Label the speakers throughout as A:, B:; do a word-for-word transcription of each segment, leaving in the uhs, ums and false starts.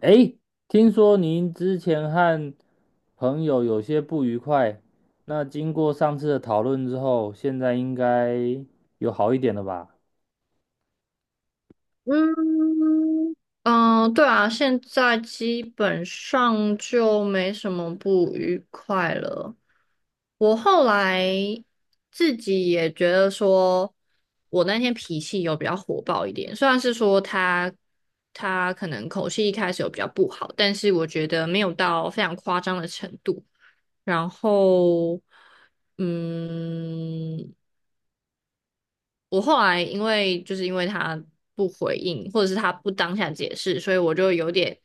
A: 诶，听说您之前和朋友有些不愉快，那经过上次的讨论之后，现在应该有好一点了吧？
B: 嗯嗯，对啊，现在基本上就没什么不愉快了。我后来自己也觉得说，我那天脾气有比较火爆一点，虽然是说他他可能口气一开始有比较不好，但是我觉得没有到非常夸张的程度。然后，嗯，我后来因为就是因为他不回应，或者是他不当下解释，所以我就有点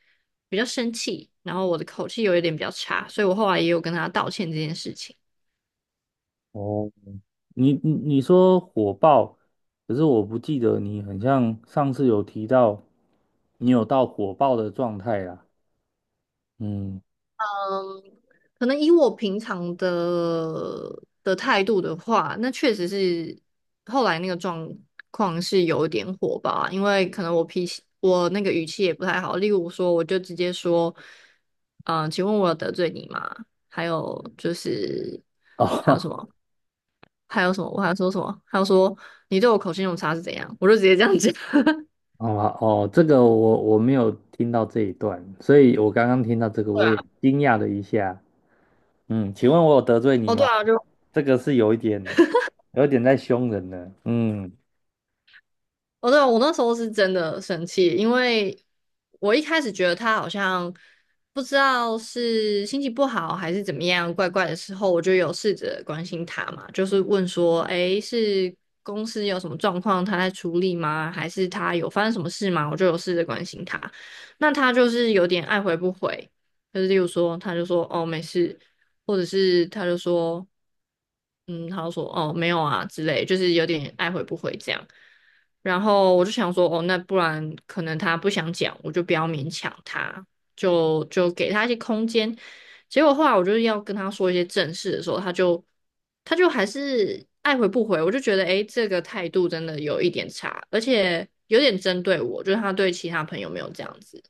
B: 比较生气，然后我的口气有一点比较差，所以我后来也有跟他道歉这件事情。
A: 哦，你你你说火爆，可是我不记得你很像上次有提到你有到火爆的状态啦。嗯，
B: 嗯，可能以我平常的的态度的话，那确实是后来那个状况是有一点火吧，因为可能我脾气，我那个语气也不太好。例如说，我就直接说，嗯、请问我有得罪你吗？还有就是还有
A: 哦，
B: 什么？还有什么？我还说什么？还有说你对我口气用差是怎样？我就直接这样讲。
A: 好吧，哦，这个我我没有听到这一段，所以我刚刚听到这个，
B: 对
A: 我也
B: 啊，
A: 惊讶了一下。嗯，请问我有得罪你
B: 哦，对
A: 吗？
B: 啊，就
A: 这个是有一点，有一点在凶人了。嗯，
B: 哦，对啊，我那时候是真的生气，因为我一开始觉得他好像不知道是心情不好还是怎么样，怪怪的时候，我就有试着关心他嘛，就是问说，诶，是公司有什么状况，他在处理吗？还是他有发生什么事吗？我就有试着关心他，那他就是有点爱回不回，就是例如说，他就说哦没事，或者是他就说，嗯，他就说哦没有啊之类，就是有点爱回不回这样。然后我就想说，哦，那不然可能他不想讲，我就不要勉强他，就就给他一些空间。结果后来我就是要跟他说一些正事的时候，他就他就还是爱回不回，我就觉得，诶，这个态度真的有一点差，而且有点针对我，就是他对其他朋友没有这样子，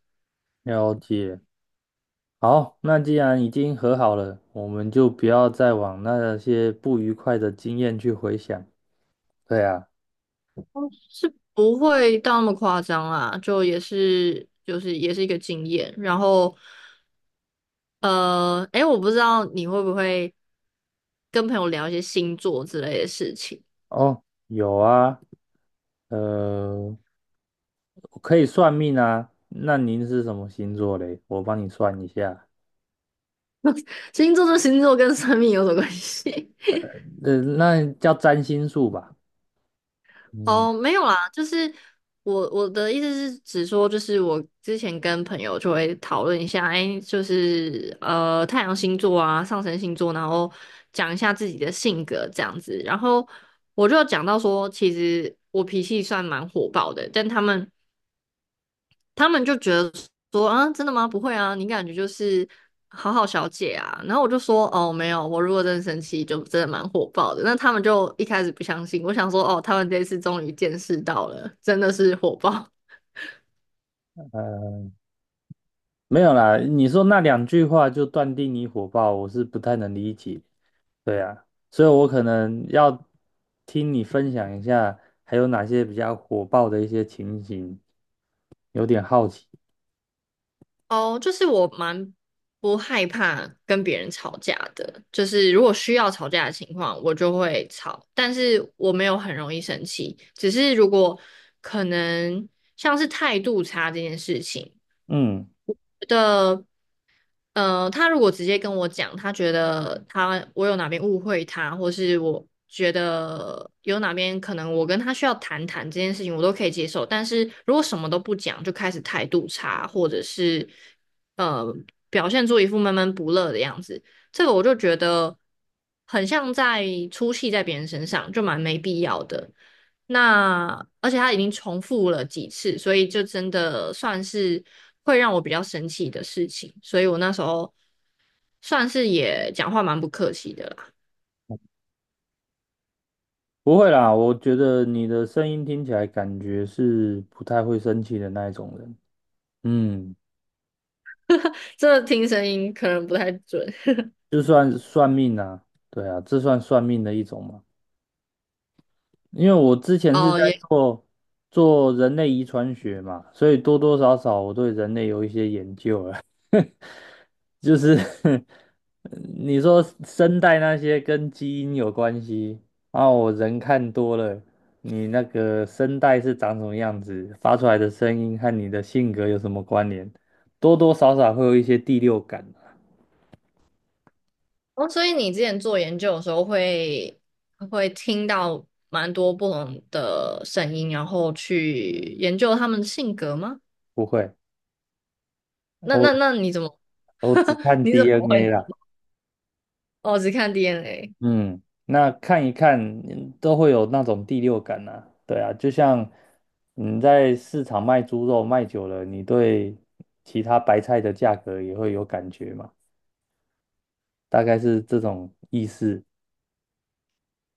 A: 了解。好，那既然已经和好了，我们就不要再往那些不愉快的经验去回想。对啊，
B: 是不会到那么夸张啦，就也是就是也是一个经验，然后。呃，诶，我不知道你会不会跟朋友聊一些星座之类的事情。
A: 哦，有啊，呃，可以算命啊。那您是什么星座嘞？我帮你算一下。
B: 星座这星座跟生命有什么关系？
A: 呃，那叫占星术吧。嗯，
B: 哦，没有啦，就是我我的意思是，只说就是我之前跟朋友就会讨论一下，诶，就是呃太阳星座啊、上升星座，然后讲一下自己的性格这样子。然后我就讲到说，其实我脾气算蛮火爆的，但他们他们就觉得说啊，真的吗？不会啊，你感觉就是好好小姐啊。然后我就说哦，没有，我如果真的生气，就真的蛮火爆的。那他们就一开始不相信，我想说哦，他们这次终于见识到了，真的是火爆
A: 呃，没有啦。你说那两句话就断定你火爆，我是不太能理解。对呀，所以我可能要听你分享一下，还有哪些比较火爆的一些情形，有点好奇。
B: 哦。就是我蛮不害怕跟别人吵架的，就是如果需要吵架的情况，我就会吵，但是我没有很容易生气，只是如果可能像是态度差这件事情。
A: 嗯，
B: 的。呃，他如果直接跟我讲，他觉得他我有哪边误会他，或是我觉得有哪边可能我跟他需要谈谈这件事情，我都可以接受。但是如果什么都不讲，就开始态度差，或者是呃表现出一副闷闷不乐的样子，这个我就觉得很像在出气在别人身上，就蛮没必要的。那而且他已经重复了几次，所以就真的算是会让我比较生气的事情。所以我那时候算是也讲话蛮不客气的啦。
A: 不会啦，我觉得你的声音听起来感觉是不太会生气的那一种人。嗯，
B: 这听声音可能不太准
A: 就算算命啊，对啊，这算算命的一种嘛。因为我之 前是
B: 哦，
A: 在
B: 也
A: 做做人类遗传学嘛，所以多多少少我对人类有一些研究了。就是 你说声带那些跟基因有关系，然后我人看多了，你那个声带是长什么样子，发出来的声音和你的性格有什么关联，多多少少会有一些第六感啊。
B: 哦，所以你之前做研究的时候会会听到蛮多不同的声音，然后去研究他们的性格吗？
A: 不会，
B: 那那
A: 我
B: 那你怎么
A: 我只 看
B: 你怎么
A: D N A
B: 会
A: 啦。
B: 我只看 D N A
A: 嗯，那看一看嗯都会有那种第六感啊。对啊，就像你在市场卖猪肉卖久了，你对其他白菜的价格也会有感觉嘛。大概是这种意思，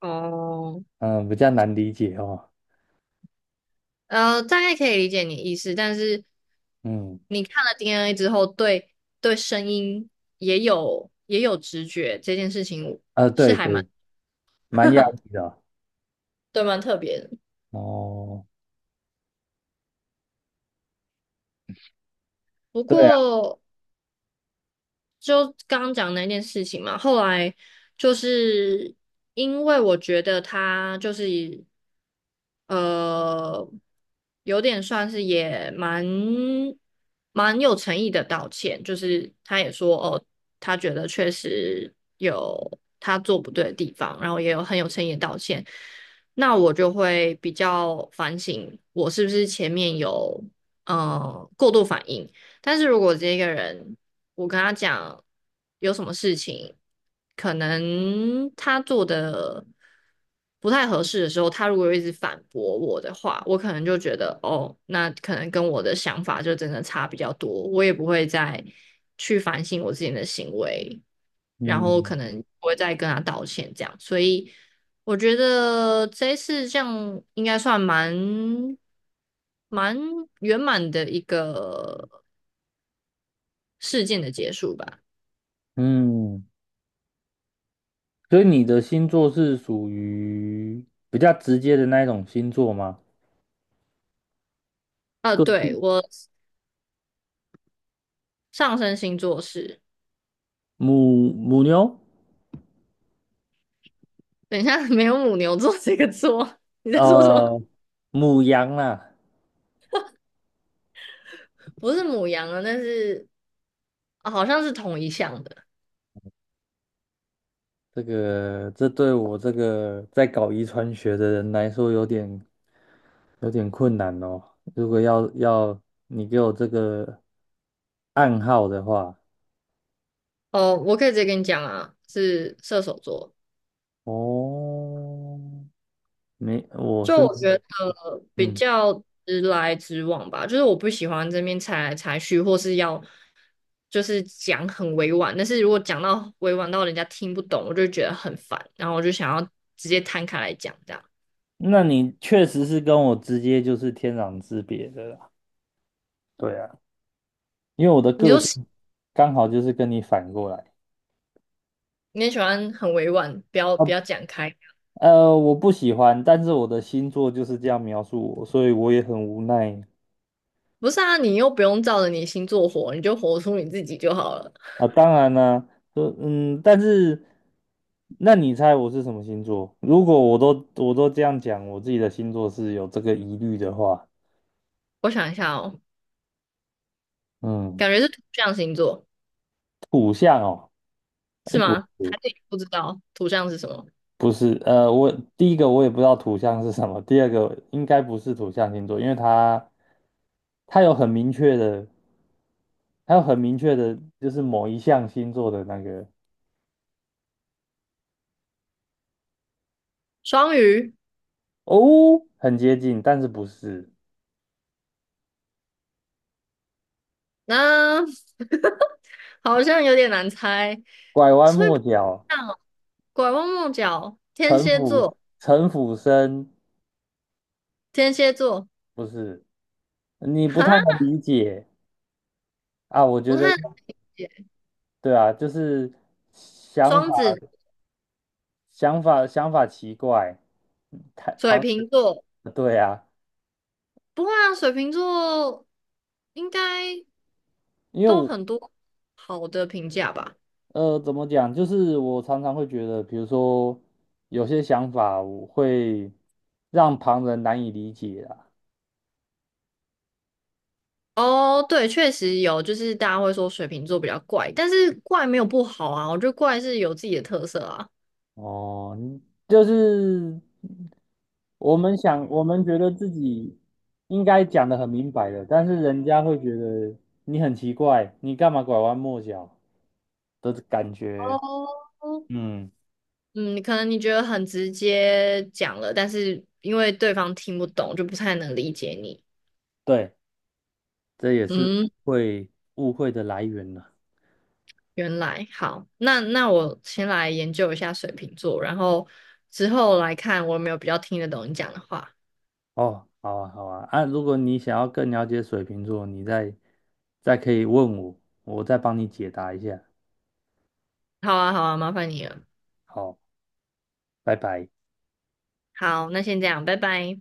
B: 哦？
A: 嗯，比较难理解哦，
B: 呃，大概可以理解你的意思，但是
A: 嗯，
B: 你看了 D N A 之后，对对声音也有也有直觉，这件事情
A: 啊，
B: 是
A: 对
B: 还蛮
A: 对，蛮压抑的啊。
B: 对蛮特别的。
A: 哦，
B: 不
A: 对啊，
B: 过就刚刚讲那件事情嘛，后来就是因为我觉得他就是以呃，有点算是也蛮蛮有诚意的道歉，就是他也说哦，他觉得确实有他做不对的地方，然后也有很有诚意的道歉。那我就会比较反省，我是不是前面有嗯、呃过度反应。但是如果这个人我跟他讲有什么事情，可能他做的不太合适的时候，他如果一直反驳我的话，我可能就觉得哦，那可能跟我的想法就真的差比较多，我也不会再去反省我自己的行为，然后可
A: 嗯
B: 能不会再跟他道歉这样，所以我觉得这一次这样应该算蛮蛮圆满的一个事件的结束吧。
A: 嗯，所以你的星座是属于比较直接的那一种星座吗？
B: 呃，对，
A: 个
B: 我上升星座是，
A: 母母牛，
B: 等一下 没有母牛座这个座，你在说什么？
A: 呃，母羊啦，
B: 不是母羊啊，但是、啊好像是同一项的。
A: 这个这对我这个在搞遗传学的人来说有点有点困难哦。如果要要你给我这个暗号的话，
B: 哦，我可以直接跟你讲啊，是射手座。
A: 哦，没，我
B: 就
A: 是
B: 我觉得比
A: 嗯，
B: 较直来直往吧，就是我不喜欢这边猜来猜去，或是要就是讲很委婉，但是如果讲到委婉到人家听不懂，我就觉得很烦，然后我就想要直接摊开来讲这样。
A: 那你确实是跟我直接就是天壤之别的啦。对啊，因为我的
B: 你
A: 个
B: 就
A: 性
B: 是
A: 刚好就是跟你反过来。
B: 你也喜欢很委婉，不要
A: 啊，
B: 不要讲开。
A: 呃，我不喜欢，但是我的星座就是这样描述我，所以我也很无奈，
B: 不是啊，你又不用照着你星座活，你就活出你自己就好了。
A: 啊，当然啦，呃，嗯，但是，那你猜我是什么星座？如果我都我都这样讲，我自己的星座是有这个疑虑的话，
B: 我想一下哦，
A: 嗯，
B: 感觉是土象星座
A: 土象哦，
B: 是
A: 哎，
B: 吗？
A: 不
B: 还
A: 是，
B: 是你不知道土象是什么？
A: 不是，呃，我第一个我也不知道土象是什么，第二个应该不是土象星座，因为它它有很明确的，它有很明确的，就是某一项星座的那个
B: 双鱼，
A: 哦，很接近，但是不是，
B: 那、好像有点难猜，
A: 拐弯
B: 所以不
A: 抹
B: 一
A: 角，
B: 样哦。拐弯抹角，天
A: 城
B: 蝎
A: 府
B: 座，
A: 城府深。
B: 天蝎座，
A: 不是，你不
B: 哈，
A: 太能理解啊。我
B: 不
A: 觉
B: 太
A: 得，
B: 了解。
A: 对啊，就是想法、
B: 双子，
A: 想法、想法奇怪，太
B: 水
A: 旁，
B: 瓶座，
A: 对啊，
B: 不会啊，水瓶座应该
A: 因为
B: 都
A: 我，
B: 很多好的评价吧。
A: 呃，怎么讲，就是我常常会觉得，比如说有些想法，我会让旁人难以理解啊。
B: 哦，对，确实有，就是大家会说水瓶座比较怪，但是怪没有不好啊，我觉得怪是有自己的特色啊。
A: 哦，就是我们想，我们觉得自己应该讲的很明白的，但是人家会觉得你很奇怪，你干嘛拐弯抹角的感觉。
B: 哦，
A: 嗯，
B: 嗯，可能你觉得很直接讲了，但是因为对方听不懂，就不太能理解你。
A: 对，这也是误
B: 嗯，
A: 会误会的来源了。
B: 原来好，那那我先来研究一下水瓶座，然后之后来看我有没有比较听得懂你讲的话。
A: 哦，好啊，好啊，啊，如果你想要更了解水瓶座，你再再可以问我，我再帮你解答一下。
B: 好啊，好啊，麻烦你了。
A: 好，拜拜。
B: 好，那先这样，拜拜。